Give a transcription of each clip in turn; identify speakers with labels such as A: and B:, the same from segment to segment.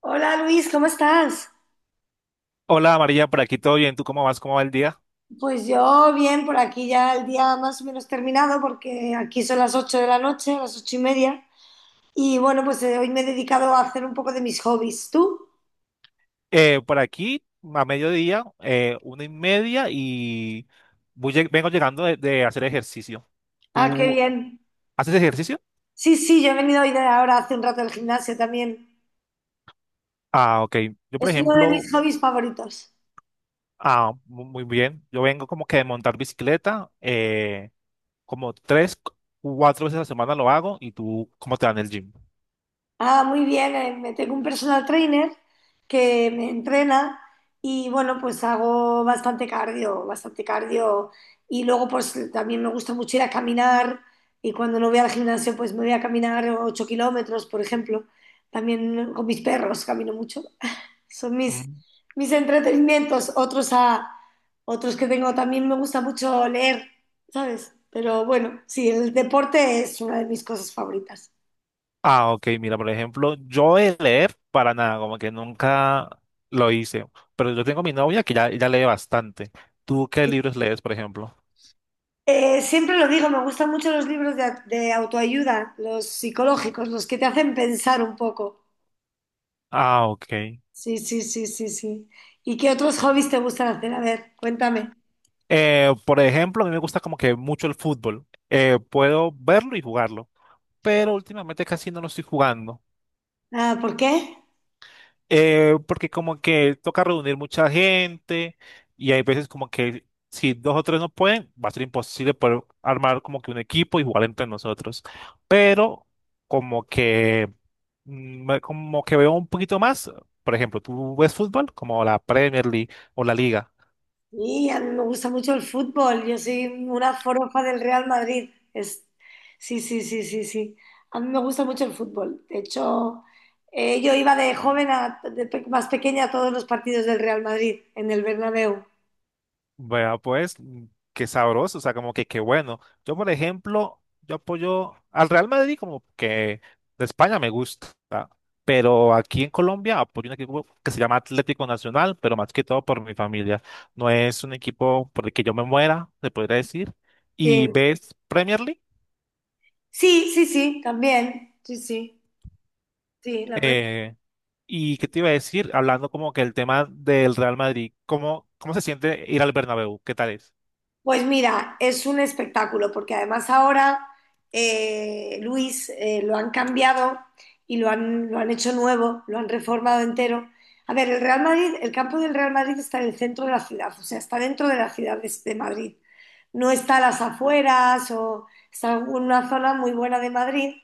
A: Hola Luis, ¿cómo estás?
B: Hola María, por aquí todo bien. ¿Tú cómo vas? ¿Cómo va el día?
A: Pues yo bien, por aquí ya el día más o menos terminado, porque aquí son las 8 de la noche, las 8:30. Y bueno, pues hoy me he dedicado a hacer un poco de mis hobbies. ¿Tú?
B: Por aquí a mediodía, una y media y vengo llegando de hacer ejercicio.
A: Ah, qué
B: ¿Tú
A: bien.
B: haces ejercicio?
A: Sí, sí, yo he venido hoy de ahora hace un rato al gimnasio también.
B: Ah, ok. Yo, por
A: Es uno de mis
B: ejemplo,
A: hobbies favoritos.
B: muy bien. Yo vengo como que de montar bicicleta, como cuatro veces a la semana lo hago. ¿Y tú cómo te va en el gym?
A: Ah, muy bien. Me tengo un personal trainer que me entrena y bueno, pues hago bastante cardio, bastante cardio. Y luego pues también me gusta mucho ir a caminar y cuando no voy al gimnasio pues me voy a caminar 8 kilómetros, por ejemplo. También con mis perros camino mucho. Son mis,
B: Mm.
A: mis entretenimientos. Otros que tengo también me gusta mucho leer, ¿sabes? Pero bueno, sí, el deporte es una de mis cosas favoritas.
B: Ah, ok, mira, por ejemplo, yo de leer para nada, como que nunca lo hice, pero yo tengo mi novia que ya lee bastante. ¿Tú qué libros lees, por ejemplo?
A: Siempre lo digo, me gustan mucho los libros de autoayuda, los psicológicos, los que te hacen pensar un poco.
B: Ah, ok.
A: Sí, sí, sí, sí, sí. ¿Y qué otros hobbies te gustan hacer? A ver, cuéntame.
B: Por ejemplo, a mí me gusta como que mucho el fútbol. Puedo verlo y jugarlo, pero últimamente casi no lo estoy jugando.
A: Ah, ¿por qué?
B: Porque como que toca reunir mucha gente y hay veces como que si dos o tres no pueden, va a ser imposible poder armar como que un equipo y jugar entre nosotros. Pero como que como que veo un poquito más, por ejemplo, ¿tú ves fútbol? Como la Premier League o la Liga.
A: Y a mí me gusta mucho el fútbol. Yo soy una forofa del Real Madrid. Sí, sí, sí, sí, sí. A mí me gusta mucho el fútbol. De hecho, yo iba de joven más pequeña a todos los partidos del Real Madrid en el Bernabéu.
B: Vea, pues, mm, qué sabroso, o sea, como que qué bueno. Yo, por ejemplo, yo apoyo al Real Madrid como que de España me gusta, pero aquí en Colombia apoyo un equipo que se llama Atlético Nacional, pero más que todo por mi familia. No es un equipo por el que yo me muera, se podría decir. Y
A: Sí,
B: ves Premier League.
A: sí, sí, sí, también. Sí, sí. Sí, la pre-
B: Eh, ¿Y qué te iba a decir? Hablando como que el tema del Real Madrid, ¿cómo, cómo se siente ir al Bernabéu? ¿Qué tal es?
A: Pues mira, es un espectáculo, porque además ahora Luis lo han cambiado y lo han hecho nuevo, lo han reformado entero. A ver, el Real Madrid, el campo del Real Madrid está en el centro de la ciudad, o sea, está dentro de la ciudad de Madrid. No está a las afueras o está en una zona muy buena de Madrid.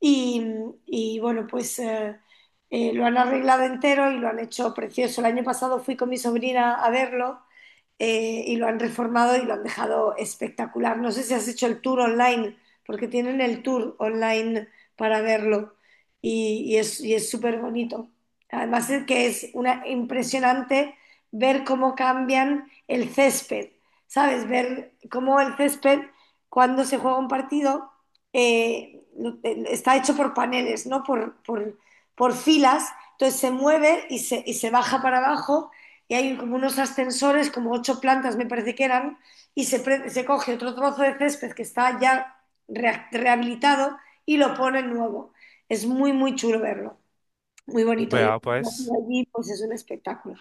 A: Y, y bueno, pues lo han arreglado entero y lo han hecho precioso. El año pasado fui con mi sobrina a verlo y lo han reformado y lo han dejado espectacular. No sé si has hecho el tour online, porque tienen el tour online para verlo y es súper bonito. Además es que es impresionante ver cómo cambian el césped, ¿sabes? Ver cómo el césped, cuando se juega un partido, está hecho por paneles, ¿no? Por filas, entonces se mueve y se baja para abajo y hay como unos ascensores, como 8 plantas me parece que eran, se coge otro trozo de césped que está ya rehabilitado y lo pone nuevo. Es muy, muy chulo verlo, muy bonito. Y
B: Vea, pues.
A: allí, pues es un espectáculo.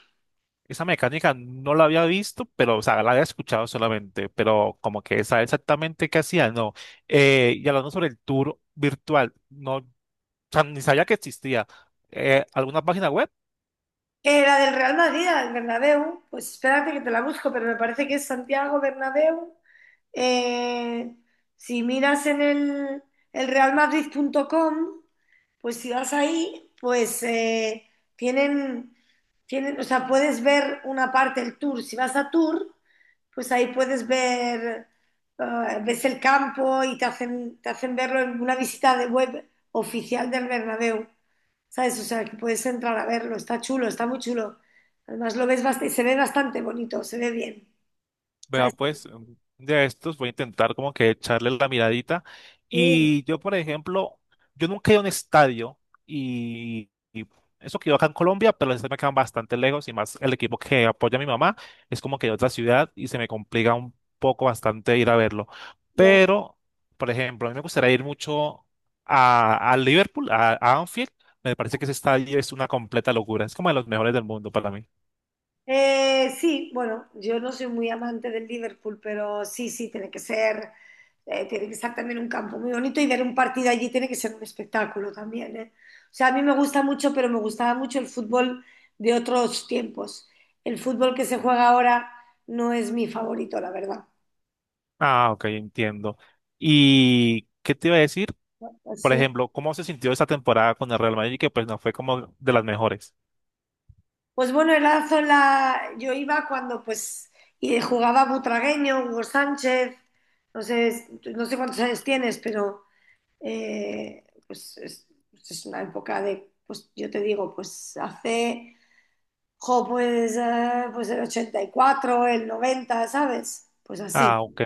B: Esa mecánica no la había visto, pero, o sea, la había escuchado solamente, pero como que saber exactamente qué hacía, no. Y hablando sobre el tour virtual, no, o sea, ni sabía que existía. ¿Alguna página web?
A: La del Real Madrid, la del Bernabéu, pues espérate que te la busco, pero me parece que es Santiago Bernabéu. Eh, si miras en el realmadrid.com, pues si vas ahí, pues tienen, tienen, o sea, puedes ver una parte del tour. Si vas a tour, pues ahí puedes ver, ves el campo y te hacen verlo en una visita de web oficial del Bernabéu. ¿Sabes? O sea, que puedes entrar a verlo. Está chulo, está muy chulo. Además, lo ves bastante, se ve bastante bonito, se ve bien.
B: Vea,
A: ¿Sabes?
B: pues, de estos voy a intentar como que echarle la miradita.
A: Sí,
B: Y yo, por ejemplo, yo nunca he ido a un estadio y eso que yo acá en Colombia, pero los estadios me quedan bastante lejos y más el equipo que apoya a mi mamá es como que de otra ciudad y se me complica un poco bastante ir a verlo.
A: ya.
B: Pero, por ejemplo, a mí me gustaría ir mucho a Liverpool, a Anfield. Me parece que ese estadio es una completa locura. Es como de los mejores del mundo para mí.
A: Sí, bueno, yo no soy muy amante del Liverpool, pero sí, sí, tiene que estar también un campo muy bonito y ver un partido allí tiene que ser un espectáculo también, ¿eh? O sea, a mí me gusta mucho, pero me gustaba mucho el fútbol de otros tiempos. El fútbol que se juega ahora no es mi favorito, la verdad.
B: Ah, ok, entiendo. ¿Y qué te iba a decir? Por
A: Así.
B: ejemplo, ¿cómo se sintió esa temporada con el Real Madrid? Que pues no fue como de las mejores.
A: Pues bueno, yo iba cuando pues y jugaba Butragueño, Hugo Sánchez, no sé, no sé cuántos años tienes, pero pues, es una época de, pues yo te digo, pues hace, jo, pues, pues el 84 el 90. ¿Sabes? Pues así.
B: Ah, ok,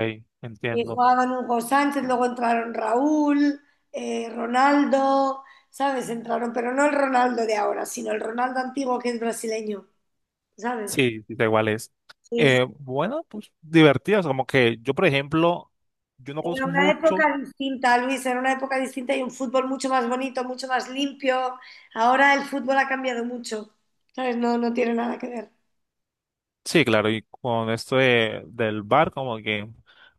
A: Y
B: entiendo.
A: jugaban Hugo Sánchez, luego entraron Raúl, Ronaldo, ¿sabes? Entraron, pero no el Ronaldo de ahora, sino el Ronaldo antiguo que es brasileño, ¿sabes?
B: Sí, sí, da igual es.
A: Sí,
B: Bueno, pues divertidas, como que yo, por ejemplo, yo no
A: era
B: conozco
A: una
B: mucho.
A: época distinta, Luis, era una época distinta y un fútbol mucho más bonito, mucho más limpio. Ahora el fútbol ha cambiado mucho, ¿sabes? No, no tiene nada que ver.
B: Sí, claro, y con esto del bar como que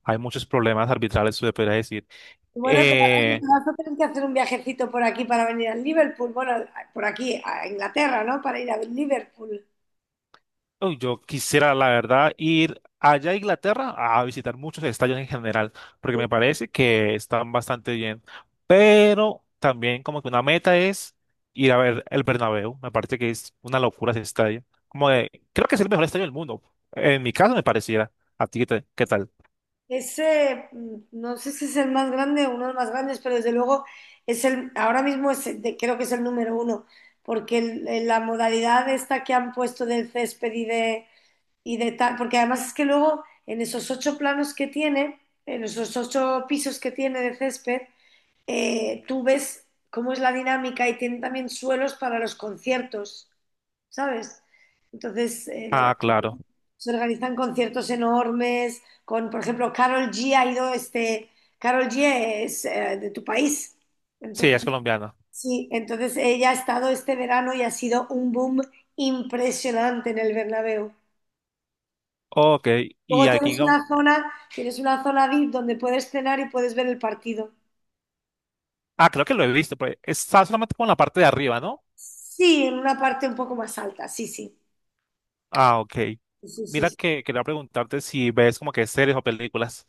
B: hay muchos problemas arbitrales, se le podría decir.
A: Y bueno, te vas,
B: Eh,
A: te vas a tener que hacer un viajecito por aquí para venir al Liverpool, bueno, por aquí a Inglaterra, ¿no? Para ir a Liverpool.
B: Uy, yo quisiera, la verdad, ir allá a Inglaterra a visitar muchos estadios en general, porque me parece que están bastante bien. Pero también como que una meta es ir a ver el Bernabéu. Me parece que es una locura ese estadio. Como de, creo que es el mejor estadio del mundo. En mi caso me pareciera. ¿A ti qué, qué tal?
A: Ese, no sé si es el más grande o uno de los más grandes, pero desde luego ahora mismo creo que es el número uno, porque la modalidad esta que han puesto del césped y de tal, porque además es que luego en esos 8 planos que tiene, en esos 8 pisos que tiene de césped, tú ves cómo es la dinámica y tiene también suelos para los conciertos, ¿sabes? Entonces
B: Ah, claro.
A: se organizan conciertos enormes, con, por ejemplo, Carol G ha ido, Carol G es de tu país,
B: Sí, ella
A: entonces,
B: es colombiana.
A: sí, entonces ella ha estado este verano y ha sido un boom impresionante en el Bernabéu.
B: Ok.
A: Luego
B: Y aquí... como-
A: tienes una zona VIP donde puedes cenar y puedes ver el partido.
B: Ah, creo que lo he visto, pero está solamente con la parte de arriba, ¿no?
A: Sí, en una parte un poco más alta, sí, sí.
B: Ah, ok.
A: Sí, sí,
B: Mira
A: sí.
B: que quería preguntarte si ves como que series o películas.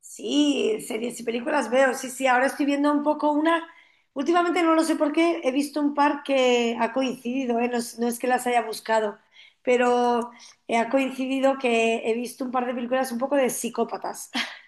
A: Sí, series y películas veo, sí, sí. Ahora estoy viendo un poco una. Últimamente no lo sé por qué, he visto un par que ha coincidido, ¿eh? No, es no es que las haya buscado, pero ha coincidido que he visto un par de películas un poco de psicópatas.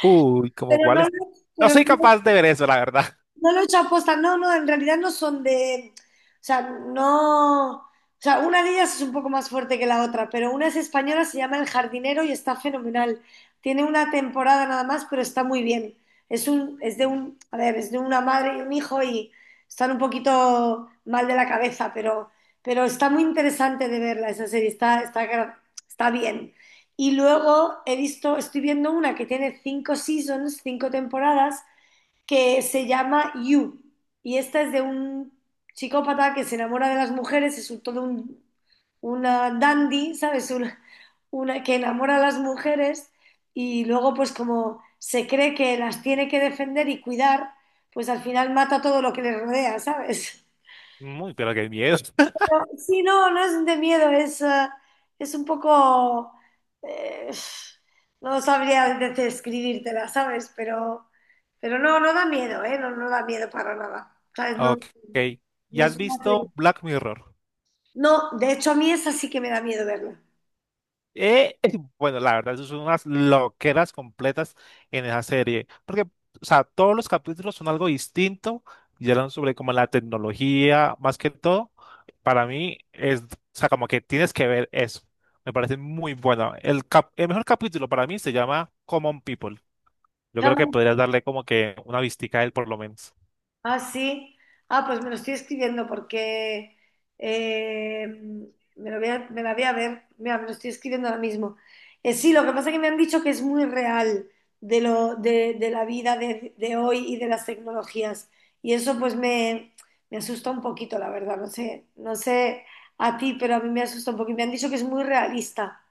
B: Uy, ¿como
A: Pero no,
B: cuáles? No
A: pero
B: soy
A: no
B: capaz de ver eso, la verdad.
A: No lo he hecho aposta, no, no, en realidad no son de, o sea, no, o sea, una de ellas es un poco más fuerte que la otra, pero una es española, se llama El Jardinero y está fenomenal. Tiene una temporada nada más, pero está muy bien. Es un, es de un, a ver, es de una madre y un hijo y están un poquito mal de la cabeza, pero está muy interesante de verla esa serie, está bien. Y luego he visto, estoy viendo una que tiene 5 seasons, 5 temporadas que se llama You. Y esta es de un psicópata que se enamora de las mujeres, es una dandy, ¿sabes? Una que enamora a las mujeres y luego pues como se cree que las tiene que defender y cuidar, pues al final mata todo lo que le rodea, ¿sabes?
B: Muy, pero qué miedo.
A: Sí, no, no es de miedo, es un poco... eh, no sabría describírtela, ¿sabes? Pero no, no da miedo, ¿eh? No, no da miedo para nada. ¿Sabes? No,
B: Ok.
A: no
B: ¿Ya has
A: es una
B: visto
A: serie-
B: Black Mirror?
A: no, de hecho a mí esa sí que me da miedo verla.
B: Eh, bueno, la verdad, eso son unas loqueras completas en esa serie. Porque, o sea, todos los capítulos son algo distinto y hablan sobre como la tecnología, más que todo. Para mí es, o sea, como que tienes que ver eso. Me parece muy bueno. El el mejor capítulo para mí se llama Common People. Yo creo que podrías darle como que una vistica a él por lo menos.
A: Ah, sí. Ah, pues me lo estoy escribiendo porque eh, me la voy a ver. Mira, me lo estoy escribiendo ahora mismo. Sí, lo que pasa es que me han dicho que es muy real de, lo, de la vida de hoy y de las tecnologías. Y eso pues me asusta un poquito, la verdad. No sé a ti, pero a mí me asusta un poquito. Me han dicho que es muy realista.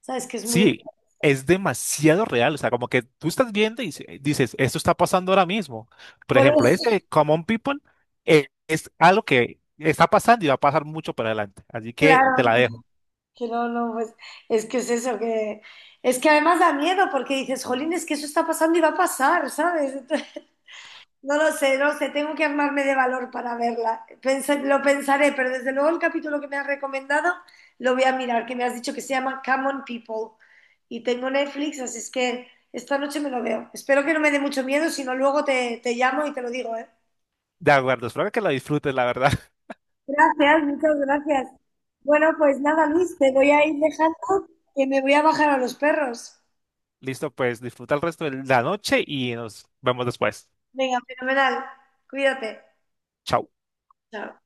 A: ¿Sabes? Que es muy...
B: Sí, es demasiado real. O sea, como que tú estás viendo y dices, esto está pasando ahora mismo. Por
A: Por
B: ejemplo,
A: eso,
B: este Common People es algo que está pasando y va a pasar mucho para adelante. Así que te
A: claro.
B: la dejo.
A: Que no, no, pues es que es eso, que es que además da miedo porque dices, jolín, es que eso está pasando y va a pasar, ¿sabes? Entonces, no lo sé, no sé, tengo que armarme de valor para verla. Lo pensaré, pero desde luego el capítulo que me has recomendado lo voy a mirar, que me has dicho que se llama Come on People y tengo Netflix, así es que esta noche me lo veo. Espero que no me dé mucho miedo, si no luego te llamo y te lo digo, ¿eh?
B: De acuerdo, espero que la disfrutes, la verdad.
A: Gracias, muchas gracias. Bueno, pues nada, Luis, te voy a ir dejando que me voy a bajar a los perros.
B: Listo, pues disfruta el resto de la noche y nos vemos después.
A: Venga, fenomenal. Cuídate.
B: Chao.
A: Chao.